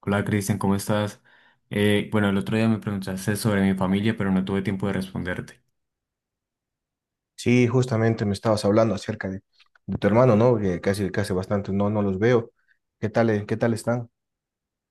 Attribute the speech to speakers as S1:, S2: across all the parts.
S1: Hola Cristian, ¿cómo estás? Bueno, el otro día me preguntaste sobre mi familia, pero no tuve tiempo de responderte.
S2: Sí, justamente me estabas hablando acerca de tu hermano, ¿no? Que casi, que hace bastante no los veo. Qué tal están?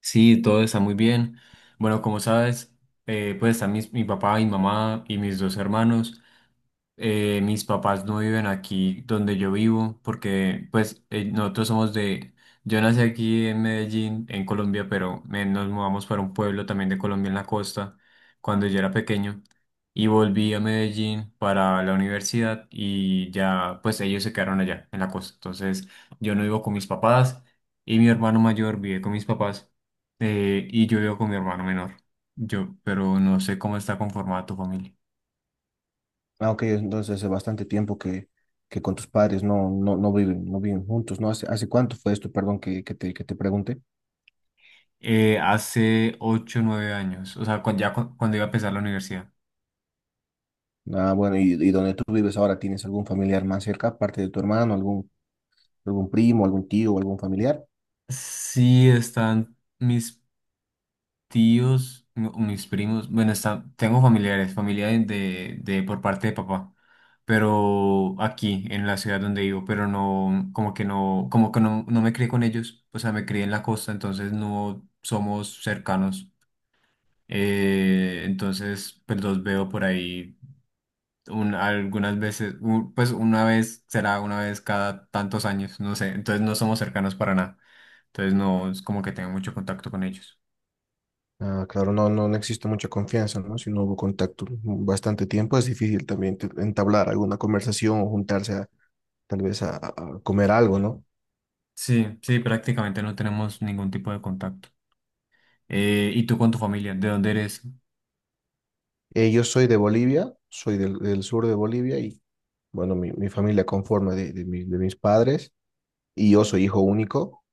S1: Sí, todo está muy bien. Bueno, como sabes, pues están mi papá, mi mamá y mis dos hermanos. Mis papás no viven aquí donde yo vivo porque pues nosotros somos de... Yo nací aquí en Medellín, en Colombia, pero nos mudamos para un pueblo también de Colombia en la costa cuando yo era pequeño y volví a Medellín para la universidad y ya pues ellos se quedaron allá en la costa. Entonces yo no vivo con mis papás y mi hermano mayor vive con mis papás, y yo vivo con mi hermano menor. Yo, pero no sé cómo está conformada tu familia.
S2: Ok, entonces hace bastante tiempo que con tus padres no viven, no viven juntos, ¿no? ¿Hace, hace cuánto fue esto, perdón, que te pregunte?
S1: Hace 8 o 9 años, o sea, cuando iba a empezar la universidad.
S2: Bueno, y donde tú vives ahora, ¿tienes algún familiar más cerca, aparte de tu hermano, algún, algún primo, algún tío, algún familiar?
S1: Sí, están mis tíos, no, mis primos, bueno, están, tengo familiares, familia por parte de papá, pero aquí, en la ciudad donde vivo, pero no, como que no, como que no, no me crié con ellos, o sea, me crié en la costa, entonces no somos cercanos. Entonces, pues los veo por ahí algunas veces, pues una vez, será una vez cada tantos años, no sé, entonces no somos cercanos para nada, entonces no es como que tenga mucho contacto con ellos.
S2: Claro, no existe mucha confianza, ¿no? Si no hubo contacto bastante tiempo, es difícil también entablar alguna conversación o juntarse a tal vez a, comer algo, ¿no?
S1: Sí, sí, prácticamente no tenemos ningún tipo de contacto. ¿Y tú con tu familia? ¿De dónde eres?
S2: Yo soy de Bolivia, soy del, del sur de Bolivia y, bueno, mi familia conforma de, de mis padres y yo soy hijo único.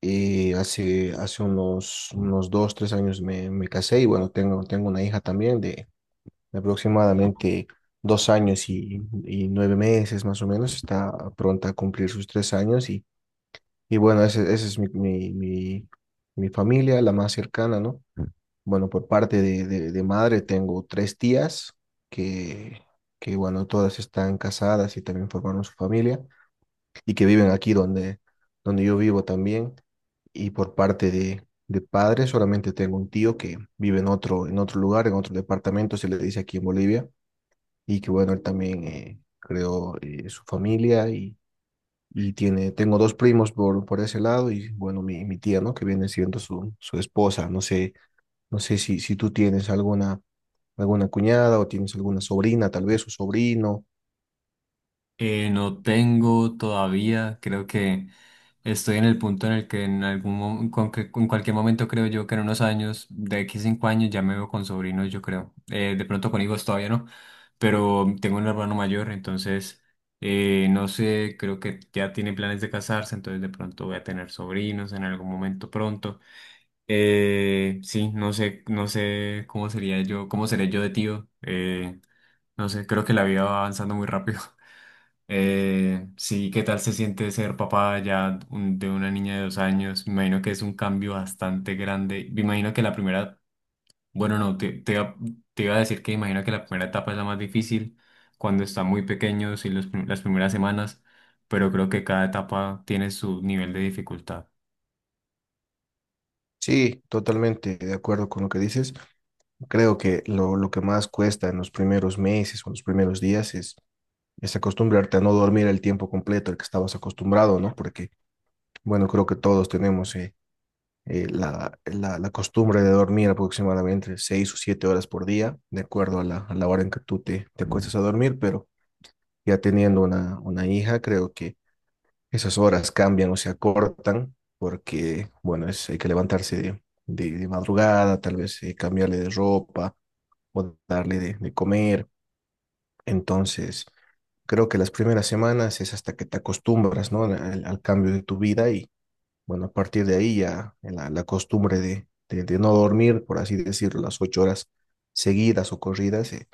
S2: Y hace, hace unos, unos dos, tres años me, me casé y, bueno, tengo, tengo una hija también de aproximadamente dos años y nueve meses más o menos. Está pronta a cumplir sus tres años y bueno, esa ese ese es mi, mi, mi familia, la más cercana, ¿no? Bueno, por parte de, de madre tengo tres tías que, que, bueno, todas están casadas y también formaron su familia y que viven aquí donde, donde yo vivo también. Y por parte de padre solamente tengo un tío que vive en otro lugar, en otro departamento, se le dice aquí en Bolivia, y que bueno, él también creó su familia y tiene, tengo dos primos por ese lado y bueno, mi tía, ¿no? Que viene siendo su, su esposa, no sé. No sé si, si tú tienes alguna, alguna cuñada o tienes alguna sobrina, tal vez, o sobrino.
S1: No tengo todavía, creo que estoy en el punto en el que en algún mo- con que- en cualquier momento, creo yo que en unos años, de aquí a 5 años ya me veo con sobrinos, yo creo. De pronto con hijos todavía no, pero tengo un hermano mayor, entonces no sé, creo que ya tiene planes de casarse, entonces de pronto voy a tener sobrinos en algún momento pronto. Sí, no sé, no sé cómo sería yo, cómo seré yo de tío. No sé, creo que la vida va avanzando muy rápido. Sí, ¿qué tal se siente ser papá ya de una niña de 2 años? Me imagino que es un cambio bastante grande. Me imagino que la primera, bueno, no, te iba a decir que imagino que la primera etapa es la más difícil cuando están muy pequeños y las primeras semanas, pero creo que cada etapa tiene su nivel de dificultad.
S2: Sí, totalmente de acuerdo con lo que dices. Creo que lo que más cuesta en los primeros meses o los primeros días es acostumbrarte a no dormir el tiempo completo al que estabas acostumbrado, ¿no? Porque, bueno, creo que todos tenemos la, la, la costumbre de dormir aproximadamente seis o siete horas por día, de acuerdo a la hora en que tú te, te acuestas a dormir, pero ya teniendo una hija, creo que esas horas cambian o se acortan porque, bueno, es, hay que levantarse de, de madrugada, tal vez cambiarle de ropa o darle de comer. Entonces, creo que las primeras semanas es hasta que te acostumbras, ¿no? Al, al cambio de tu vida y, bueno, a partir de ahí ya la costumbre de, de no dormir, por así decirlo, las ocho horas seguidas o corridas,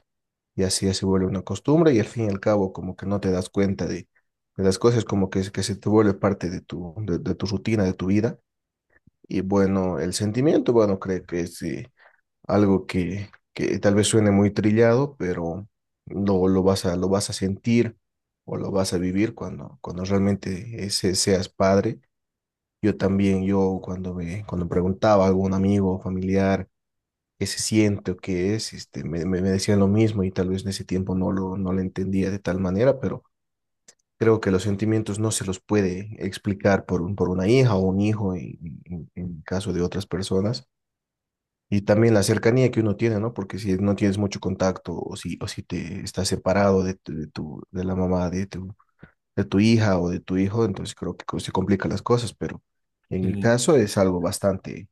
S2: y así ya se vuelve una costumbre y al fin y al cabo como que no te das cuenta de las cosas, como que se te vuelve parte de tu rutina, de tu vida. Y bueno, el sentimiento, bueno, creo que es algo que tal vez suene muy trillado, pero lo vas a sentir o lo vas a vivir cuando, cuando realmente seas padre. Yo también, yo cuando me, cuando preguntaba a algún amigo o familiar, qué se siente o qué es, este, me decían lo mismo y tal vez en ese tiempo no lo, no lo entendía de tal manera, pero creo que los sentimientos no se los puede explicar por, un, por una hija o un hijo en caso de otras personas. Y también la cercanía que uno tiene, ¿no? Porque si no tienes mucho contacto o si te estás separado de, de, tu, de la mamá de tu hija o de tu hijo, entonces creo que se complican las cosas, pero en mi
S1: Sí.
S2: caso es algo bastante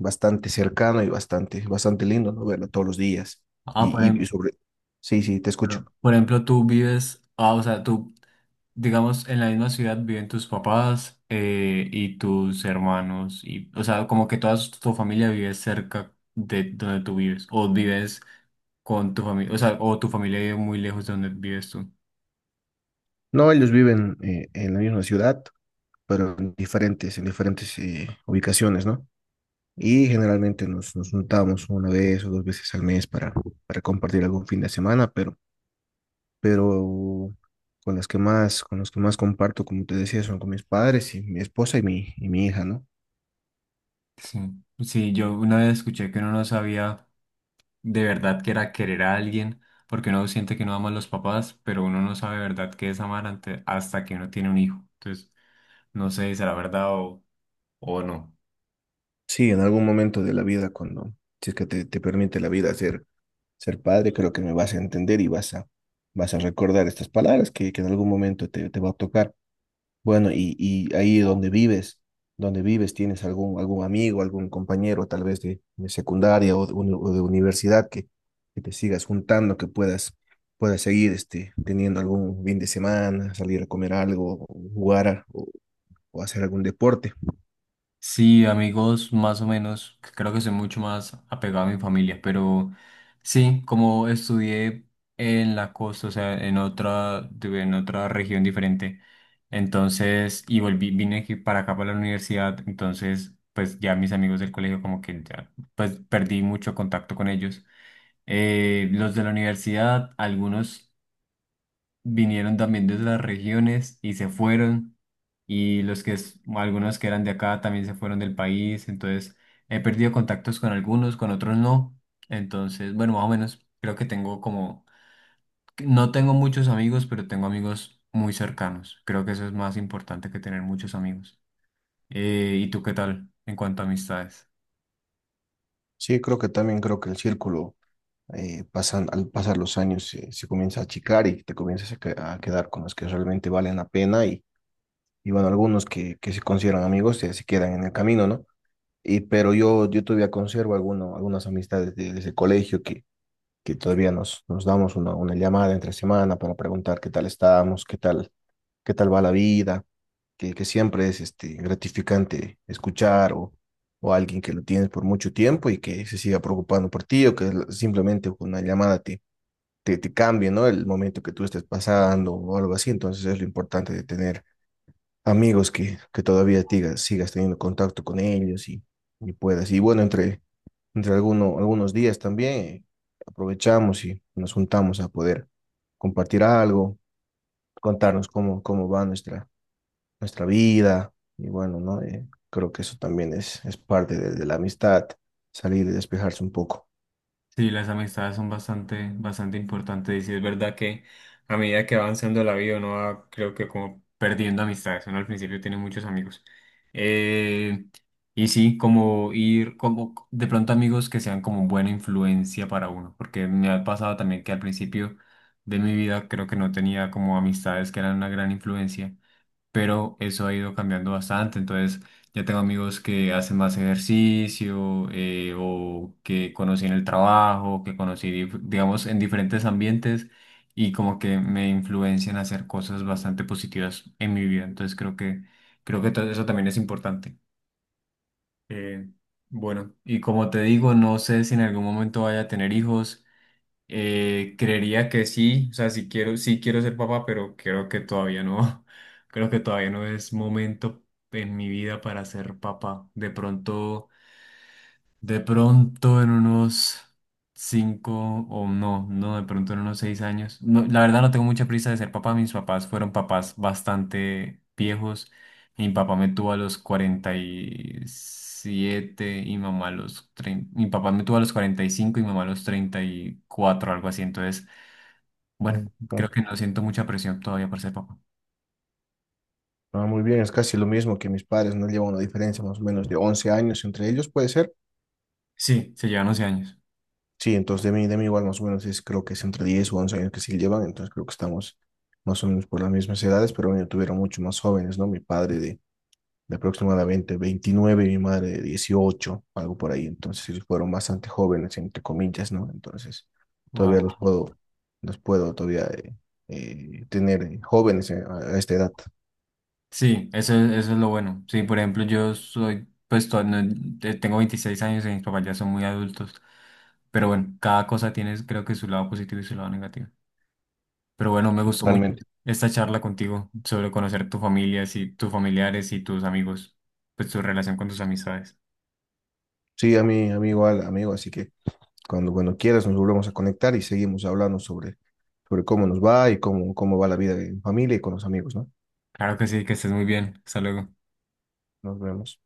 S2: bastante cercano y bastante, bastante lindo, ¿no? Verlo todos los días.
S1: Ah, por,
S2: Y sobre... Sí, sí, te escucho.
S1: claro. Por ejemplo, tú vives, ah, o sea, tú, digamos, en la misma ciudad viven tus papás, y tus hermanos, y, o sea, como que toda tu familia vive cerca de donde tú vives, o vives con tu familia, o sea, o tu familia vive muy lejos de donde vives tú.
S2: No, ellos viven en la misma ciudad, pero en diferentes ubicaciones, ¿no? Y generalmente nos, nos juntamos una vez o dos veces al mes para compartir algún fin de semana, pero con las que más, con los que más comparto, como te decía, son con mis padres y mi esposa y mi hija, ¿no?
S1: Sí. Sí, yo una vez escuché que uno no sabía de verdad que era querer a alguien, porque uno siente que no ama a los papás, pero uno no sabe de verdad qué es amar hasta que uno tiene un hijo. Entonces, no sé si será verdad o no.
S2: Sí, en algún momento de la vida, cuando, si es que te permite la vida hacer ser padre, creo que me vas a entender y vas a, vas a recordar estas palabras que en algún momento te, te va a tocar. Bueno, y ahí donde vives, tienes algún, algún amigo, algún compañero, tal vez de secundaria o de, o de universidad que te sigas juntando, que puedas, puedas seguir este, teniendo algún fin de semana, salir a comer algo, o jugar a- o, o hacer algún deporte.
S1: Sí, amigos, más o menos. Creo que soy mucho más apegado a mi familia, pero sí, como estudié en la costa, o sea, en otra, tuve en otra región diferente, entonces, y volví, vine aquí para acá para la universidad, entonces, pues ya mis amigos del colegio como que ya, pues perdí mucho contacto con ellos. Los de la universidad, algunos vinieron también de otras regiones y se fueron. Y los que, algunos que eran de acá también se fueron del país. Entonces he perdido contactos con algunos, con otros no. Entonces, bueno, más o menos creo que tengo como, no tengo muchos amigos, pero tengo amigos muy cercanos. Creo que eso es más importante que tener muchos amigos. ¿Y tú qué tal en cuanto a amistades?
S2: Sí, creo que también creo que el círculo pasan, al pasar los años se, se comienza a achicar y te comienzas a, a quedar con los que realmente valen la pena y bueno, algunos que se consideran amigos se, se quedan en el camino, ¿no? Y, pero yo todavía conservo alguno, algunas amistades desde el colegio que todavía nos, nos damos una llamada entre semana para preguntar qué tal estamos, qué tal va la vida, que siempre es este, gratificante escuchar o alguien que lo tienes por mucho tiempo y que se siga preocupando por ti o que simplemente con una llamada te cambie, ¿no? El momento que tú estés pasando o algo así. Entonces es lo importante de tener amigos que todavía sigas teniendo contacto con ellos y puedas. Y bueno, entre, entre algunos días también aprovechamos y nos juntamos a poder compartir algo, contarnos cómo, cómo va nuestra, nuestra vida. Y bueno, ¿no? Creo que eso también es parte de la amistad, salir y despejarse un poco.
S1: Sí, las amistades son bastante, bastante importantes, y sí es verdad que a medida que va avanzando la vida uno va, creo que como perdiendo amistades, uno al principio tiene muchos amigos. Eh, y sí, como ir, como de pronto amigos que sean como buena influencia para uno, porque me ha pasado también que al principio de mi vida creo que no tenía como amistades que eran una gran influencia, pero eso ha ido cambiando bastante. Entonces, ya tengo amigos que hacen más ejercicio, o que conocí en el trabajo, que conocí, digamos, en diferentes ambientes, y como que me influencian a hacer cosas bastante positivas en mi vida. Entonces, creo que todo eso también es importante. Eh, bueno, y como te digo, no sé si en algún momento vaya a tener hijos. Creería que sí, o sea, sí quiero ser papá, pero creo que todavía no, creo que todavía no es momento en mi vida para ser papá. De pronto en unos 5 o no, no, de pronto en unos 6 años. No, la verdad no tengo mucha prisa de ser papá. Mis papás fueron papás bastante viejos. Mi papá me tuvo a los 47 y mamá a los 30. Mi papá me tuvo a los 45 y mamá a los 34, algo así. Entonces bueno,
S2: Mm.
S1: creo que no siento mucha presión todavía para ser papá.
S2: Ah, muy bien, es casi lo mismo que mis padres, no llevan una diferencia más o menos de 11 años entre ellos, puede ser.
S1: Sí, se llevan 11 años.
S2: Sí, entonces de mí igual más o menos es, creo que es entre 10 o 11 años que sí llevan, entonces creo que estamos más o menos por las mismas edades, pero bueno, tuvieron mucho más jóvenes, ¿no? Mi padre de aproximadamente 29 y mi madre de 18, algo por ahí, entonces ellos fueron bastante jóvenes, entre comillas, ¿no? Entonces
S1: Wow.
S2: todavía los puedo todavía tener jóvenes a esta edad.
S1: Sí, eso, eso es lo bueno. Sí, por ejemplo, yo soy, tengo 26 años y mis papás ya son muy adultos. Pero bueno, cada cosa tiene creo que su lado positivo y su lado negativo. Pero bueno, me gustó mucho
S2: Totalmente.
S1: esta charla contigo sobre conocer tu familia, tus familiares y tus amigos, pues tu relación con tus amistades.
S2: Sí, a mí igual, amigo, así que cuando, cuando quieras nos volvemos a conectar y seguimos hablando sobre, sobre cómo nos va y cómo, cómo va la vida en familia y con los amigos, ¿no?
S1: Claro que sí, que estés muy bien. Hasta luego.
S2: Nos vemos.